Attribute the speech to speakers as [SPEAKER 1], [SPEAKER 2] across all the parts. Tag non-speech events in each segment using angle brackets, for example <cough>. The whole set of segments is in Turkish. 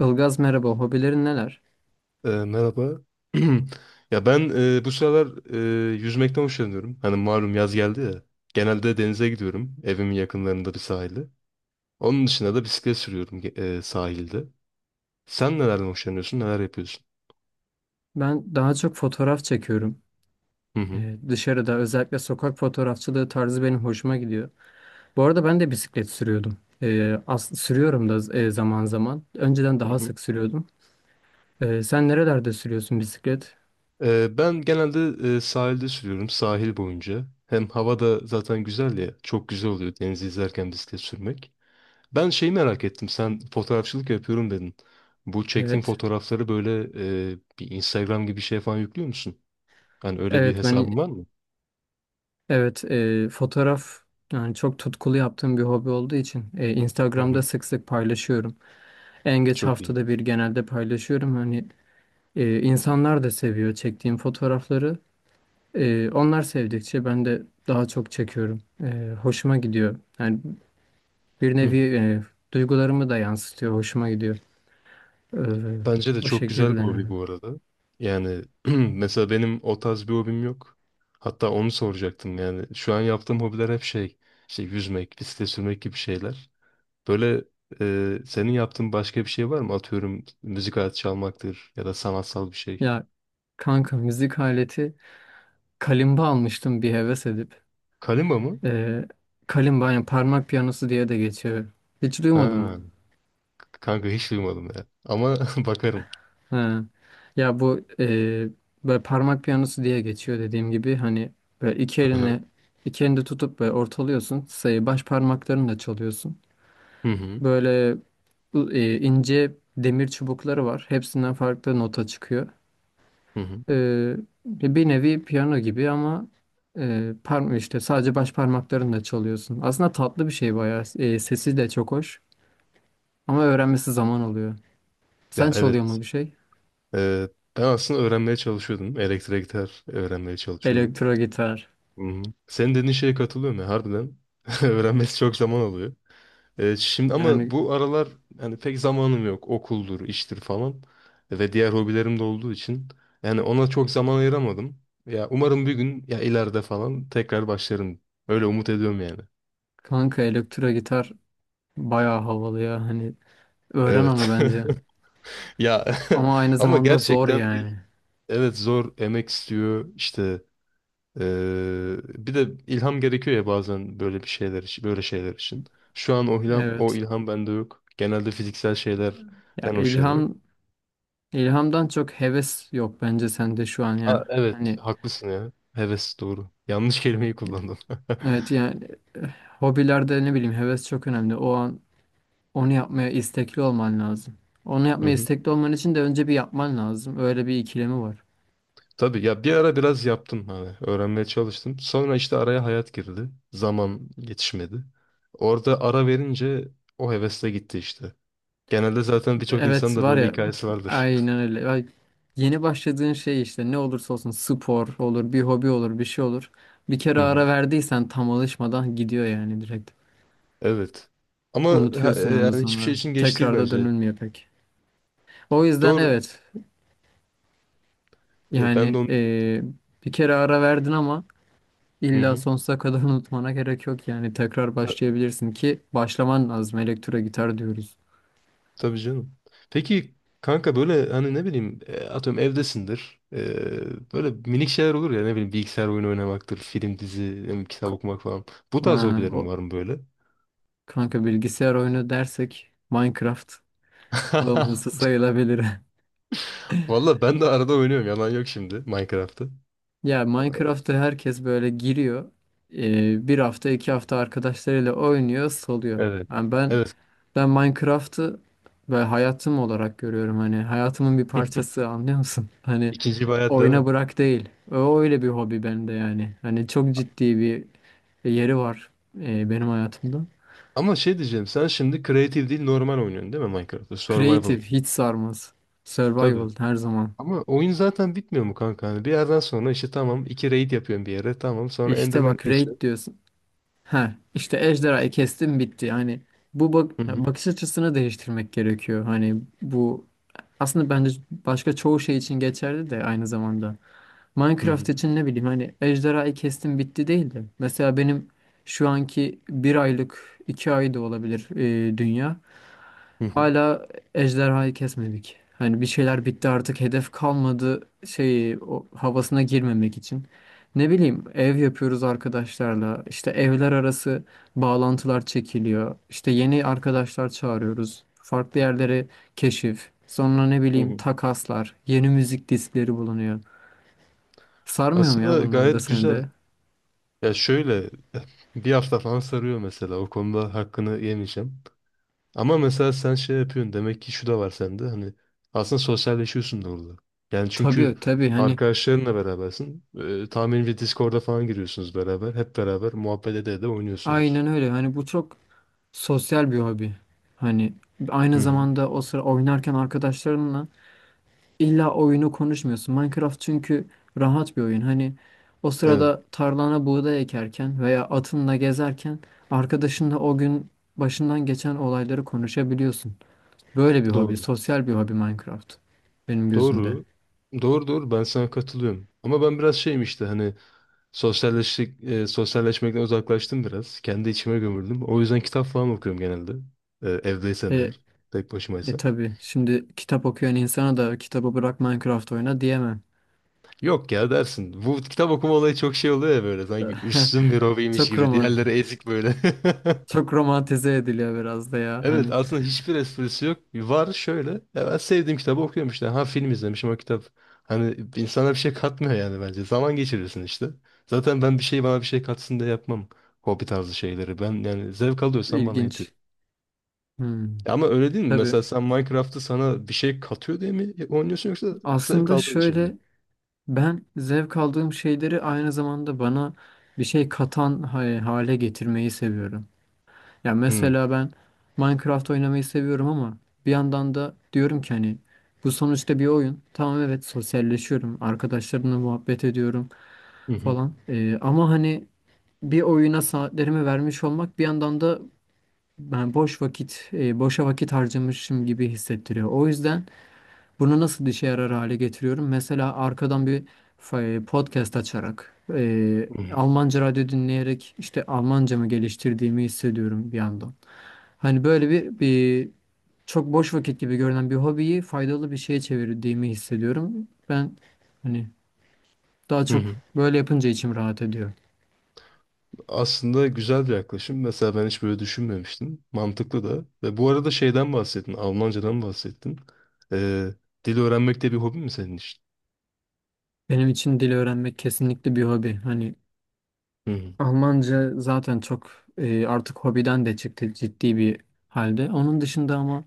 [SPEAKER 1] Ilgaz merhaba, hobilerin neler?
[SPEAKER 2] Merhaba. <clears throat> Ya ben bu sıralar e, yüzmekten hoşlanıyorum. Hani malum yaz geldi ya. Genelde denize gidiyorum. Evimin yakınlarında bir sahilde. Onun dışında da bisiklet sürüyorum sahilde. Sen nelerden hoşlanıyorsun? Neler yapıyorsun?
[SPEAKER 1] Ben daha çok fotoğraf çekiyorum.
[SPEAKER 2] Hı hı.
[SPEAKER 1] Dışarıda özellikle sokak fotoğrafçılığı tarzı benim hoşuma gidiyor. Bu arada ben de bisiklet sürüyordum. Sürüyorum da zaman zaman. Önceden
[SPEAKER 2] Hı
[SPEAKER 1] daha
[SPEAKER 2] hı.
[SPEAKER 1] sık sürüyordum. Sen nerelerde sürüyorsun bisiklet?
[SPEAKER 2] Ben genelde sahilde sürüyorum. Sahil boyunca. Hem hava da zaten güzel ya. Çok güzel oluyor denizi izlerken bisiklet sürmek. Ben şeyi merak ettim. Sen fotoğrafçılık yapıyorum dedin. Bu çektiğin
[SPEAKER 1] Evet.
[SPEAKER 2] fotoğrafları böyle bir Instagram gibi bir şeye falan yüklüyor musun? Hani öyle bir
[SPEAKER 1] Evet ben
[SPEAKER 2] hesabın var mı?
[SPEAKER 1] evet e, fotoğraf yani çok tutkulu yaptığım bir hobi olduğu için
[SPEAKER 2] Hı
[SPEAKER 1] Instagram'da
[SPEAKER 2] hı.
[SPEAKER 1] sık sık paylaşıyorum. En geç
[SPEAKER 2] Çok iyi.
[SPEAKER 1] haftada bir genelde paylaşıyorum. Hani insanlar da seviyor çektiğim fotoğrafları. Onlar sevdikçe ben de daha çok çekiyorum. Hoşuma gidiyor. Yani bir
[SPEAKER 2] Hı.
[SPEAKER 1] nevi duygularımı da yansıtıyor. Hoşuma gidiyor. Ee,
[SPEAKER 2] Bence de
[SPEAKER 1] O
[SPEAKER 2] çok güzel
[SPEAKER 1] şekilde,
[SPEAKER 2] bir hobi
[SPEAKER 1] yani.
[SPEAKER 2] bu arada. Yani <clears throat> mesela benim o tarz bir hobim yok. Hatta onu soracaktım yani. Şu an yaptığım hobiler hep şey, işte yüzmek, bisiklet sürmek gibi şeyler. Böyle senin yaptığın başka bir şey var mı? Atıyorum müzik aleti çalmaktır ya da sanatsal bir şey.
[SPEAKER 1] Ya kanka, müzik aleti, kalimba almıştım bir heves edip.
[SPEAKER 2] Kalimba mı?
[SPEAKER 1] Ee, Kalimba yani parmak piyanosu diye de geçiyor. Hiç duymadın mı?
[SPEAKER 2] Ha. Kanka hiç duymadım ya. Ama <laughs> bakarım.
[SPEAKER 1] Ha. Ya bu, böyle parmak piyanosu diye geçiyor, dediğim gibi. Hani böyle iki
[SPEAKER 2] Hı hı.
[SPEAKER 1] elini iki elinde tutup böyle ortalıyorsun, sayı baş parmaklarını da çalıyorsun.
[SPEAKER 2] Hı hı.
[SPEAKER 1] Böyle ince demir çubukları var. Hepsinden farklı nota çıkıyor.
[SPEAKER 2] Hı hı.
[SPEAKER 1] E, Bir nevi piyano gibi ama e, parm işte sadece baş parmaklarınla çalıyorsun. Aslında tatlı bir şey bayağı. E, sesi de çok hoş ama öğrenmesi zaman alıyor. Sen
[SPEAKER 2] Ya
[SPEAKER 1] çalıyor
[SPEAKER 2] evet.
[SPEAKER 1] mu bir şey?
[SPEAKER 2] Ee, Ben aslında öğrenmeye çalışıyordum. Elektrik gitar öğrenmeye çalışıyordum.
[SPEAKER 1] Elektro gitar.
[SPEAKER 2] Hı hı. Senin dediğin şeye katılıyorum ya harbiden. <laughs> Öğrenmesi çok zaman alıyor. Şimdi ama
[SPEAKER 1] Yani
[SPEAKER 2] bu aralar yani pek zamanım yok. Okuldur, iştir falan. Ve diğer hobilerim de olduğu için. Yani ona çok zaman ayıramadım. Ya umarım bir gün ya ileride falan tekrar başlarım. Öyle umut ediyorum yani.
[SPEAKER 1] kanka, elektro gitar bayağı havalı ya. Hani öğren onu
[SPEAKER 2] Evet.
[SPEAKER 1] bence.
[SPEAKER 2] <laughs> Ya <laughs>
[SPEAKER 1] Ama aynı
[SPEAKER 2] ama
[SPEAKER 1] zamanda zor
[SPEAKER 2] gerçekten
[SPEAKER 1] yani.
[SPEAKER 2] evet, zor, emek istiyor işte. eee, Bir de ilham gerekiyor ya bazen böyle bir şeyler için böyle şeyler için. Şu an o ilham o
[SPEAKER 1] Evet.
[SPEAKER 2] ilham bende yok. Genelde fiziksel
[SPEAKER 1] Ya
[SPEAKER 2] şeylerden hoşlanıyorum.
[SPEAKER 1] ilham ilhamdan çok heves yok bence sende şu an ya.
[SPEAKER 2] Evet
[SPEAKER 1] Hani
[SPEAKER 2] haklısın ya. Heves doğru. Yanlış kelimeyi kullandım. <laughs>
[SPEAKER 1] evet yani, eh, hobilerde, ne bileyim, heves çok önemli. O an onu yapmaya istekli olman lazım. Onu
[SPEAKER 2] Hı
[SPEAKER 1] yapmaya
[SPEAKER 2] hı.
[SPEAKER 1] istekli olman için de önce bir yapman lazım. Öyle bir ikilemi var.
[SPEAKER 2] Tabii ya bir ara biraz yaptım, hani öğrenmeye çalıştım. Sonra işte araya hayat girdi. Zaman yetişmedi. Orada ara verince o heves de gitti işte. Genelde zaten birçok insanın
[SPEAKER 1] Evet
[SPEAKER 2] da
[SPEAKER 1] var
[SPEAKER 2] böyle
[SPEAKER 1] ya,
[SPEAKER 2] hikayesi vardır.
[SPEAKER 1] aynen öyle. Ay, yeni başladığın şey işte ne olursa olsun, spor olur, bir hobi olur, bir şey olur. Bir kere ara
[SPEAKER 2] <laughs>
[SPEAKER 1] verdiysen tam alışmadan gidiyor yani, direkt.
[SPEAKER 2] Evet. Ama
[SPEAKER 1] Unutuyorsun onu
[SPEAKER 2] yani hiçbir şey
[SPEAKER 1] sonra.
[SPEAKER 2] için geç değil
[SPEAKER 1] Tekrar da
[SPEAKER 2] bence.
[SPEAKER 1] dönülmüyor pek. O yüzden
[SPEAKER 2] Doğru.
[SPEAKER 1] evet yani,
[SPEAKER 2] Ben de onu diyecektim.
[SPEAKER 1] bir kere ara verdin ama
[SPEAKER 2] Hı
[SPEAKER 1] İlla
[SPEAKER 2] hı.
[SPEAKER 1] sonsuza kadar <laughs> unutmana gerek yok yani, tekrar
[SPEAKER 2] Ta-
[SPEAKER 1] başlayabilirsin ki başlaman lazım, elektro gitar diyoruz.
[SPEAKER 2] tabii canım. Peki kanka, böyle hani ne bileyim, atıyorum evdesindir. E, böyle minik şeyler olur ya, ne bileyim bilgisayar oyunu oynamaktır, film, dizi, ne bileyim, kitap
[SPEAKER 1] K-
[SPEAKER 2] okumak falan. Bu tarz
[SPEAKER 1] Ha,
[SPEAKER 2] hobilerim
[SPEAKER 1] o
[SPEAKER 2] var mı böyle?
[SPEAKER 1] kanka, bilgisayar oyunu dersek Minecraft bağımlısı
[SPEAKER 2] <laughs>
[SPEAKER 1] sayılabilir. <laughs>
[SPEAKER 2] Valla ben de arada oynuyorum, yalan yok, şimdi Minecraft'ı.
[SPEAKER 1] Ya Minecraft'a herkes böyle giriyor. Bir hafta iki hafta arkadaşlarıyla oynuyor, soluyor.
[SPEAKER 2] Evet.
[SPEAKER 1] Yani ben
[SPEAKER 2] Evet.
[SPEAKER 1] Ben Minecraft'ı ve hayatım olarak görüyorum. Hani hayatımın bir
[SPEAKER 2] <laughs>
[SPEAKER 1] parçası, anlıyor musun? Hani
[SPEAKER 2] İkinci bir hayat değil mi?
[SPEAKER 1] oyuna bırak değil. O öyle bir hobi bende yani. Hani çok ciddi bir yeri var benim hayatımda.
[SPEAKER 2] Ama şey diyeceğim, sen şimdi creative değil normal oynuyorsun değil mi Minecraft'ı? Survival.
[SPEAKER 1] Creative hiç sarmaz.
[SPEAKER 2] Tabii.
[SPEAKER 1] Survival her zaman.
[SPEAKER 2] Ama oyun zaten bitmiyor mu kanka? Hani bir yerden sonra işte tamam, iki raid yapıyorum bir yere. Tamam, sonra
[SPEAKER 1] İşte
[SPEAKER 2] enderman
[SPEAKER 1] bak, raid
[SPEAKER 2] kesiyorum.
[SPEAKER 1] diyorsun. Ha işte, ejderhayı kestim bitti. Hani bu bak,
[SPEAKER 2] Hı hı.
[SPEAKER 1] bakış açısını değiştirmek gerekiyor. Hani bu aslında bence başka çoğu şey için geçerli de aynı zamanda.
[SPEAKER 2] Hı
[SPEAKER 1] Minecraft
[SPEAKER 2] hı.
[SPEAKER 1] için ne bileyim, hani ejderhayı kestim bitti değil de. Mesela benim şu anki bir aylık, iki ay da olabilir, dünya.
[SPEAKER 2] Hı hı.
[SPEAKER 1] Hala ejderhayı kesmedik. Hani bir şeyler bitti, artık hedef kalmadı şeyi, o havasına girmemek için. Ne bileyim, ev yapıyoruz arkadaşlarla. İşte evler arası bağlantılar çekiliyor. İşte yeni arkadaşlar çağırıyoruz. Farklı yerlere keşif. Sonra ne
[SPEAKER 2] Hı
[SPEAKER 1] bileyim,
[SPEAKER 2] hı.
[SPEAKER 1] takaslar, yeni müzik diskleri bulunuyor. Sarmıyor mu ya
[SPEAKER 2] Aslında
[SPEAKER 1] bunlar da
[SPEAKER 2] gayet
[SPEAKER 1] seni
[SPEAKER 2] güzel.
[SPEAKER 1] de?
[SPEAKER 2] Ya şöyle <laughs> bir hafta falan sarıyor mesela. O konuda hakkını yemeyeceğim. Ama mesela sen şey yapıyorsun. Demek ki şu da var sende. Hani aslında sosyalleşiyorsun da orada. Yani çünkü
[SPEAKER 1] Tabii tabii, hani
[SPEAKER 2] arkadaşlarınla berabersin. Tahminimce Discord'a falan giriyorsunuz beraber. Hep beraber muhabbet ede de oynuyorsunuz.
[SPEAKER 1] aynen öyle. Hani bu çok sosyal bir hobi. Hani
[SPEAKER 2] Hı
[SPEAKER 1] aynı
[SPEAKER 2] hı.
[SPEAKER 1] zamanda o sıra oynarken arkadaşlarınla illa oyunu konuşmuyorsun. Minecraft çünkü rahat bir oyun. Hani o
[SPEAKER 2] Evet.
[SPEAKER 1] sırada tarlana buğday ekerken veya atınla gezerken arkadaşınla o gün başından geçen olayları konuşabiliyorsun. Böyle bir hobi,
[SPEAKER 2] Doğru.
[SPEAKER 1] sosyal bir hobi Minecraft benim gözümde.
[SPEAKER 2] Doğru. Doğru doğru, ben sana katılıyorum. Ama ben biraz şeyim işte, hani sosyalleştik, sosyalleşmekten uzaklaştım biraz. Kendi içime gömüldüm. O yüzden kitap falan okuyorum genelde. Evdeysem
[SPEAKER 1] E,
[SPEAKER 2] eğer. Tek
[SPEAKER 1] e
[SPEAKER 2] başımaysam.
[SPEAKER 1] tabii şimdi kitap okuyan insana da kitabı bırak Minecraft oyna diyemem.
[SPEAKER 2] Yok ya, dersin. Bu kitap okuma olayı çok şey oluyor ya böyle. Sanki üstün bir
[SPEAKER 1] <laughs>
[SPEAKER 2] hobiymiş
[SPEAKER 1] Çok
[SPEAKER 2] gibi.
[SPEAKER 1] roman,
[SPEAKER 2] Diğerleri ezik böyle. <laughs>
[SPEAKER 1] çok romantize ediliyor biraz da ya.
[SPEAKER 2] Evet,
[SPEAKER 1] Hani
[SPEAKER 2] aslında hiçbir esprisi yok. Var şöyle. Ya ben sevdiğim kitabı okuyorum işte. Ha, film izlemişim o kitap. Hani insana bir şey katmıyor yani bence. Zaman geçirirsin işte. Zaten ben bir şey, bana bir şey katsın diye yapmam. Hobi tarzı şeyleri. Ben yani zevk alıyorsam bana yetiyor.
[SPEAKER 1] İlginç. Hmm.
[SPEAKER 2] Ya ama öyle değil mi?
[SPEAKER 1] Tabii.
[SPEAKER 2] Mesela sen Minecraft'ı sana bir şey katıyor diye mi oynuyorsun, yoksa zevk
[SPEAKER 1] Aslında
[SPEAKER 2] aldığın için mi?
[SPEAKER 1] şöyle, ben zevk aldığım şeyleri aynı zamanda bana bir şey katan hale getirmeyi seviyorum. Ya
[SPEAKER 2] Hı
[SPEAKER 1] mesela ben Minecraft oynamayı seviyorum ama bir yandan da diyorum ki hani bu sonuçta bir oyun. Tamam evet, sosyalleşiyorum. Arkadaşlarımla muhabbet ediyorum
[SPEAKER 2] hı
[SPEAKER 1] falan. Ama hani bir oyuna saatlerimi vermiş olmak bir yandan da ben boş vakit, boşa vakit harcamışım gibi hissettiriyor. O yüzden bunu nasıl işe yarar hale getiriyorum? Mesela arkadan bir podcast açarak,
[SPEAKER 2] hı
[SPEAKER 1] Almanca radyo dinleyerek işte Almancamı geliştirdiğimi hissediyorum bir yandan. Hani böyle bir çok boş vakit gibi görünen bir hobiyi faydalı bir şeye çevirdiğimi hissediyorum. Ben hani daha çok
[SPEAKER 2] hı.
[SPEAKER 1] böyle yapınca içim rahat ediyor.
[SPEAKER 2] Aslında güzel bir yaklaşım. Mesela ben hiç böyle düşünmemiştim. Mantıklı da. Ve bu arada şeyden bahsettin. Almancadan bahsettin. Ee, Dil öğrenmek de bir hobi mi senin için?
[SPEAKER 1] Benim için dil öğrenmek kesinlikle bir hobi. Hani
[SPEAKER 2] Hı hı.
[SPEAKER 1] Almanca zaten çok artık hobiden de çıktı ciddi bir halde. Onun dışında ama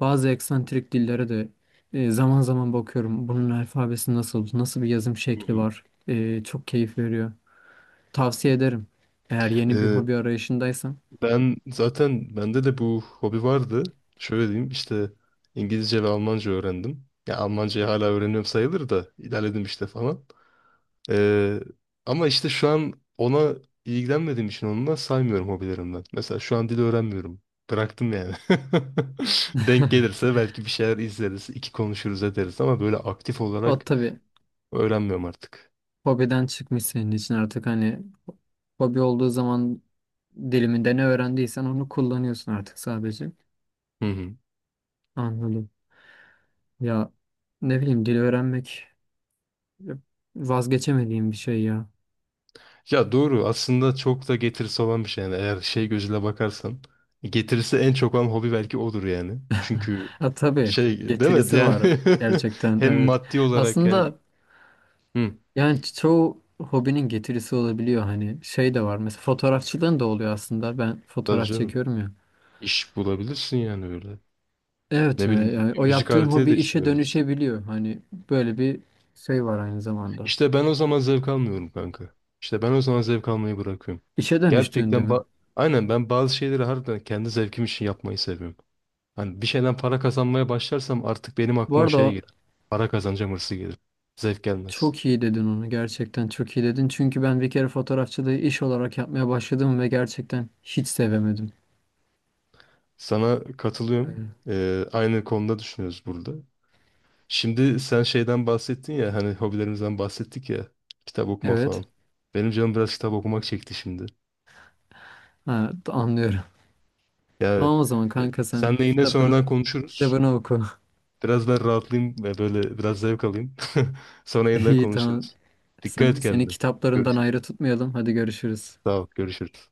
[SPEAKER 1] bazı eksantrik dillere de zaman zaman bakıyorum. Bunun alfabesi nasıl, nasıl bir yazım
[SPEAKER 2] Hı
[SPEAKER 1] şekli
[SPEAKER 2] hı.
[SPEAKER 1] var. E, çok keyif veriyor. Tavsiye ederim. Eğer yeni bir
[SPEAKER 2] Ee,
[SPEAKER 1] hobi arayışındaysan.
[SPEAKER 2] Ben zaten bende de bu hobi vardı. Şöyle diyeyim işte, İngilizce ve Almanca öğrendim. Ya Almancayı hala öğreniyorum sayılır da ilerledim işte falan. Ee, Ama işte şu an ona ilgilenmediğim için onunla saymıyorum hobilerimden. Mesela şu an dil öğrenmiyorum. Bıraktım yani. <laughs> Denk
[SPEAKER 1] <laughs>
[SPEAKER 2] gelirse belki bir şeyler izleriz, iki konuşuruz ederiz, ama böyle aktif
[SPEAKER 1] O
[SPEAKER 2] olarak
[SPEAKER 1] tabii
[SPEAKER 2] öğrenmiyorum artık.
[SPEAKER 1] hobiden çıkmış senin için artık, hani hobi olduğu zaman diliminde ne öğrendiysen onu kullanıyorsun artık sadece.
[SPEAKER 2] Hı hı.
[SPEAKER 1] Anladım. Ya ne bileyim, dil öğrenmek vazgeçemediğim bir şey ya.
[SPEAKER 2] Ya doğru, aslında çok da getirisi olan bir şey yani, eğer şey gözüyle bakarsan getirisi en çok olan hobi belki odur yani. Çünkü
[SPEAKER 1] Ha tabii,
[SPEAKER 2] şey değil mi
[SPEAKER 1] getirisi
[SPEAKER 2] yani
[SPEAKER 1] var
[SPEAKER 2] <laughs>
[SPEAKER 1] gerçekten,
[SPEAKER 2] hem
[SPEAKER 1] evet.
[SPEAKER 2] maddi olarak yani,
[SPEAKER 1] Aslında
[SPEAKER 2] hı,
[SPEAKER 1] yani çoğu hobinin getirisi olabiliyor, hani şey de var mesela, fotoğrafçılığın da oluyor aslında, ben
[SPEAKER 2] tabii
[SPEAKER 1] fotoğraf
[SPEAKER 2] canım,
[SPEAKER 1] çekiyorum ya.
[SPEAKER 2] iş bulabilirsin yani öyle.
[SPEAKER 1] Evet
[SPEAKER 2] Ne
[SPEAKER 1] yani
[SPEAKER 2] bileyim,
[SPEAKER 1] yani o
[SPEAKER 2] müzik
[SPEAKER 1] yaptığın
[SPEAKER 2] aletiyle
[SPEAKER 1] hobi
[SPEAKER 2] de
[SPEAKER 1] işe
[SPEAKER 2] çalabilirsin.
[SPEAKER 1] dönüşebiliyor, hani böyle bir şey var aynı zamanda.
[SPEAKER 2] İşte ben o zaman zevk almıyorum kanka. İşte ben o zaman zevk almayı bırakıyorum.
[SPEAKER 1] İşe dönüştüğünde
[SPEAKER 2] Gerçekten
[SPEAKER 1] mi?
[SPEAKER 2] aynen, ben bazı şeyleri harbiden kendi zevkim için yapmayı seviyorum. Hani bir şeyden para kazanmaya başlarsam artık benim
[SPEAKER 1] Bu
[SPEAKER 2] aklıma
[SPEAKER 1] arada
[SPEAKER 2] şey
[SPEAKER 1] o-
[SPEAKER 2] gelir. Para kazanacağım hırsı gelir. Zevk gelmez.
[SPEAKER 1] Çok iyi dedin onu, gerçekten çok iyi dedin çünkü ben bir kere fotoğrafçılığı iş olarak yapmaya başladım ve gerçekten hiç sevemedim.
[SPEAKER 2] Sana katılıyorum.
[SPEAKER 1] Yani,
[SPEAKER 2] Aynı konuda düşünüyoruz burada. Şimdi sen şeyden bahsettin ya, hani hobilerimizden bahsettik ya, kitap okuma
[SPEAKER 1] evet,
[SPEAKER 2] falan. Benim canım biraz kitap okumak çekti şimdi.
[SPEAKER 1] ha, anlıyorum.
[SPEAKER 2] Ya
[SPEAKER 1] Tamam o zaman
[SPEAKER 2] e,
[SPEAKER 1] kanka, sen
[SPEAKER 2] senle yine
[SPEAKER 1] kitabını
[SPEAKER 2] sonradan konuşuruz.
[SPEAKER 1] kitabını oku.
[SPEAKER 2] Biraz daha rahatlayayım ve böyle biraz zevk alayım. <laughs> Sonra
[SPEAKER 1] <laughs>
[SPEAKER 2] yeniden
[SPEAKER 1] İyi, tamam.
[SPEAKER 2] konuşuruz. Dikkat
[SPEAKER 1] Sen,
[SPEAKER 2] et
[SPEAKER 1] seni
[SPEAKER 2] kendine.
[SPEAKER 1] kitaplarından
[SPEAKER 2] Görüşürüz.
[SPEAKER 1] ayrı tutmayalım. Hadi görüşürüz.
[SPEAKER 2] Sağ ol. Görüşürüz.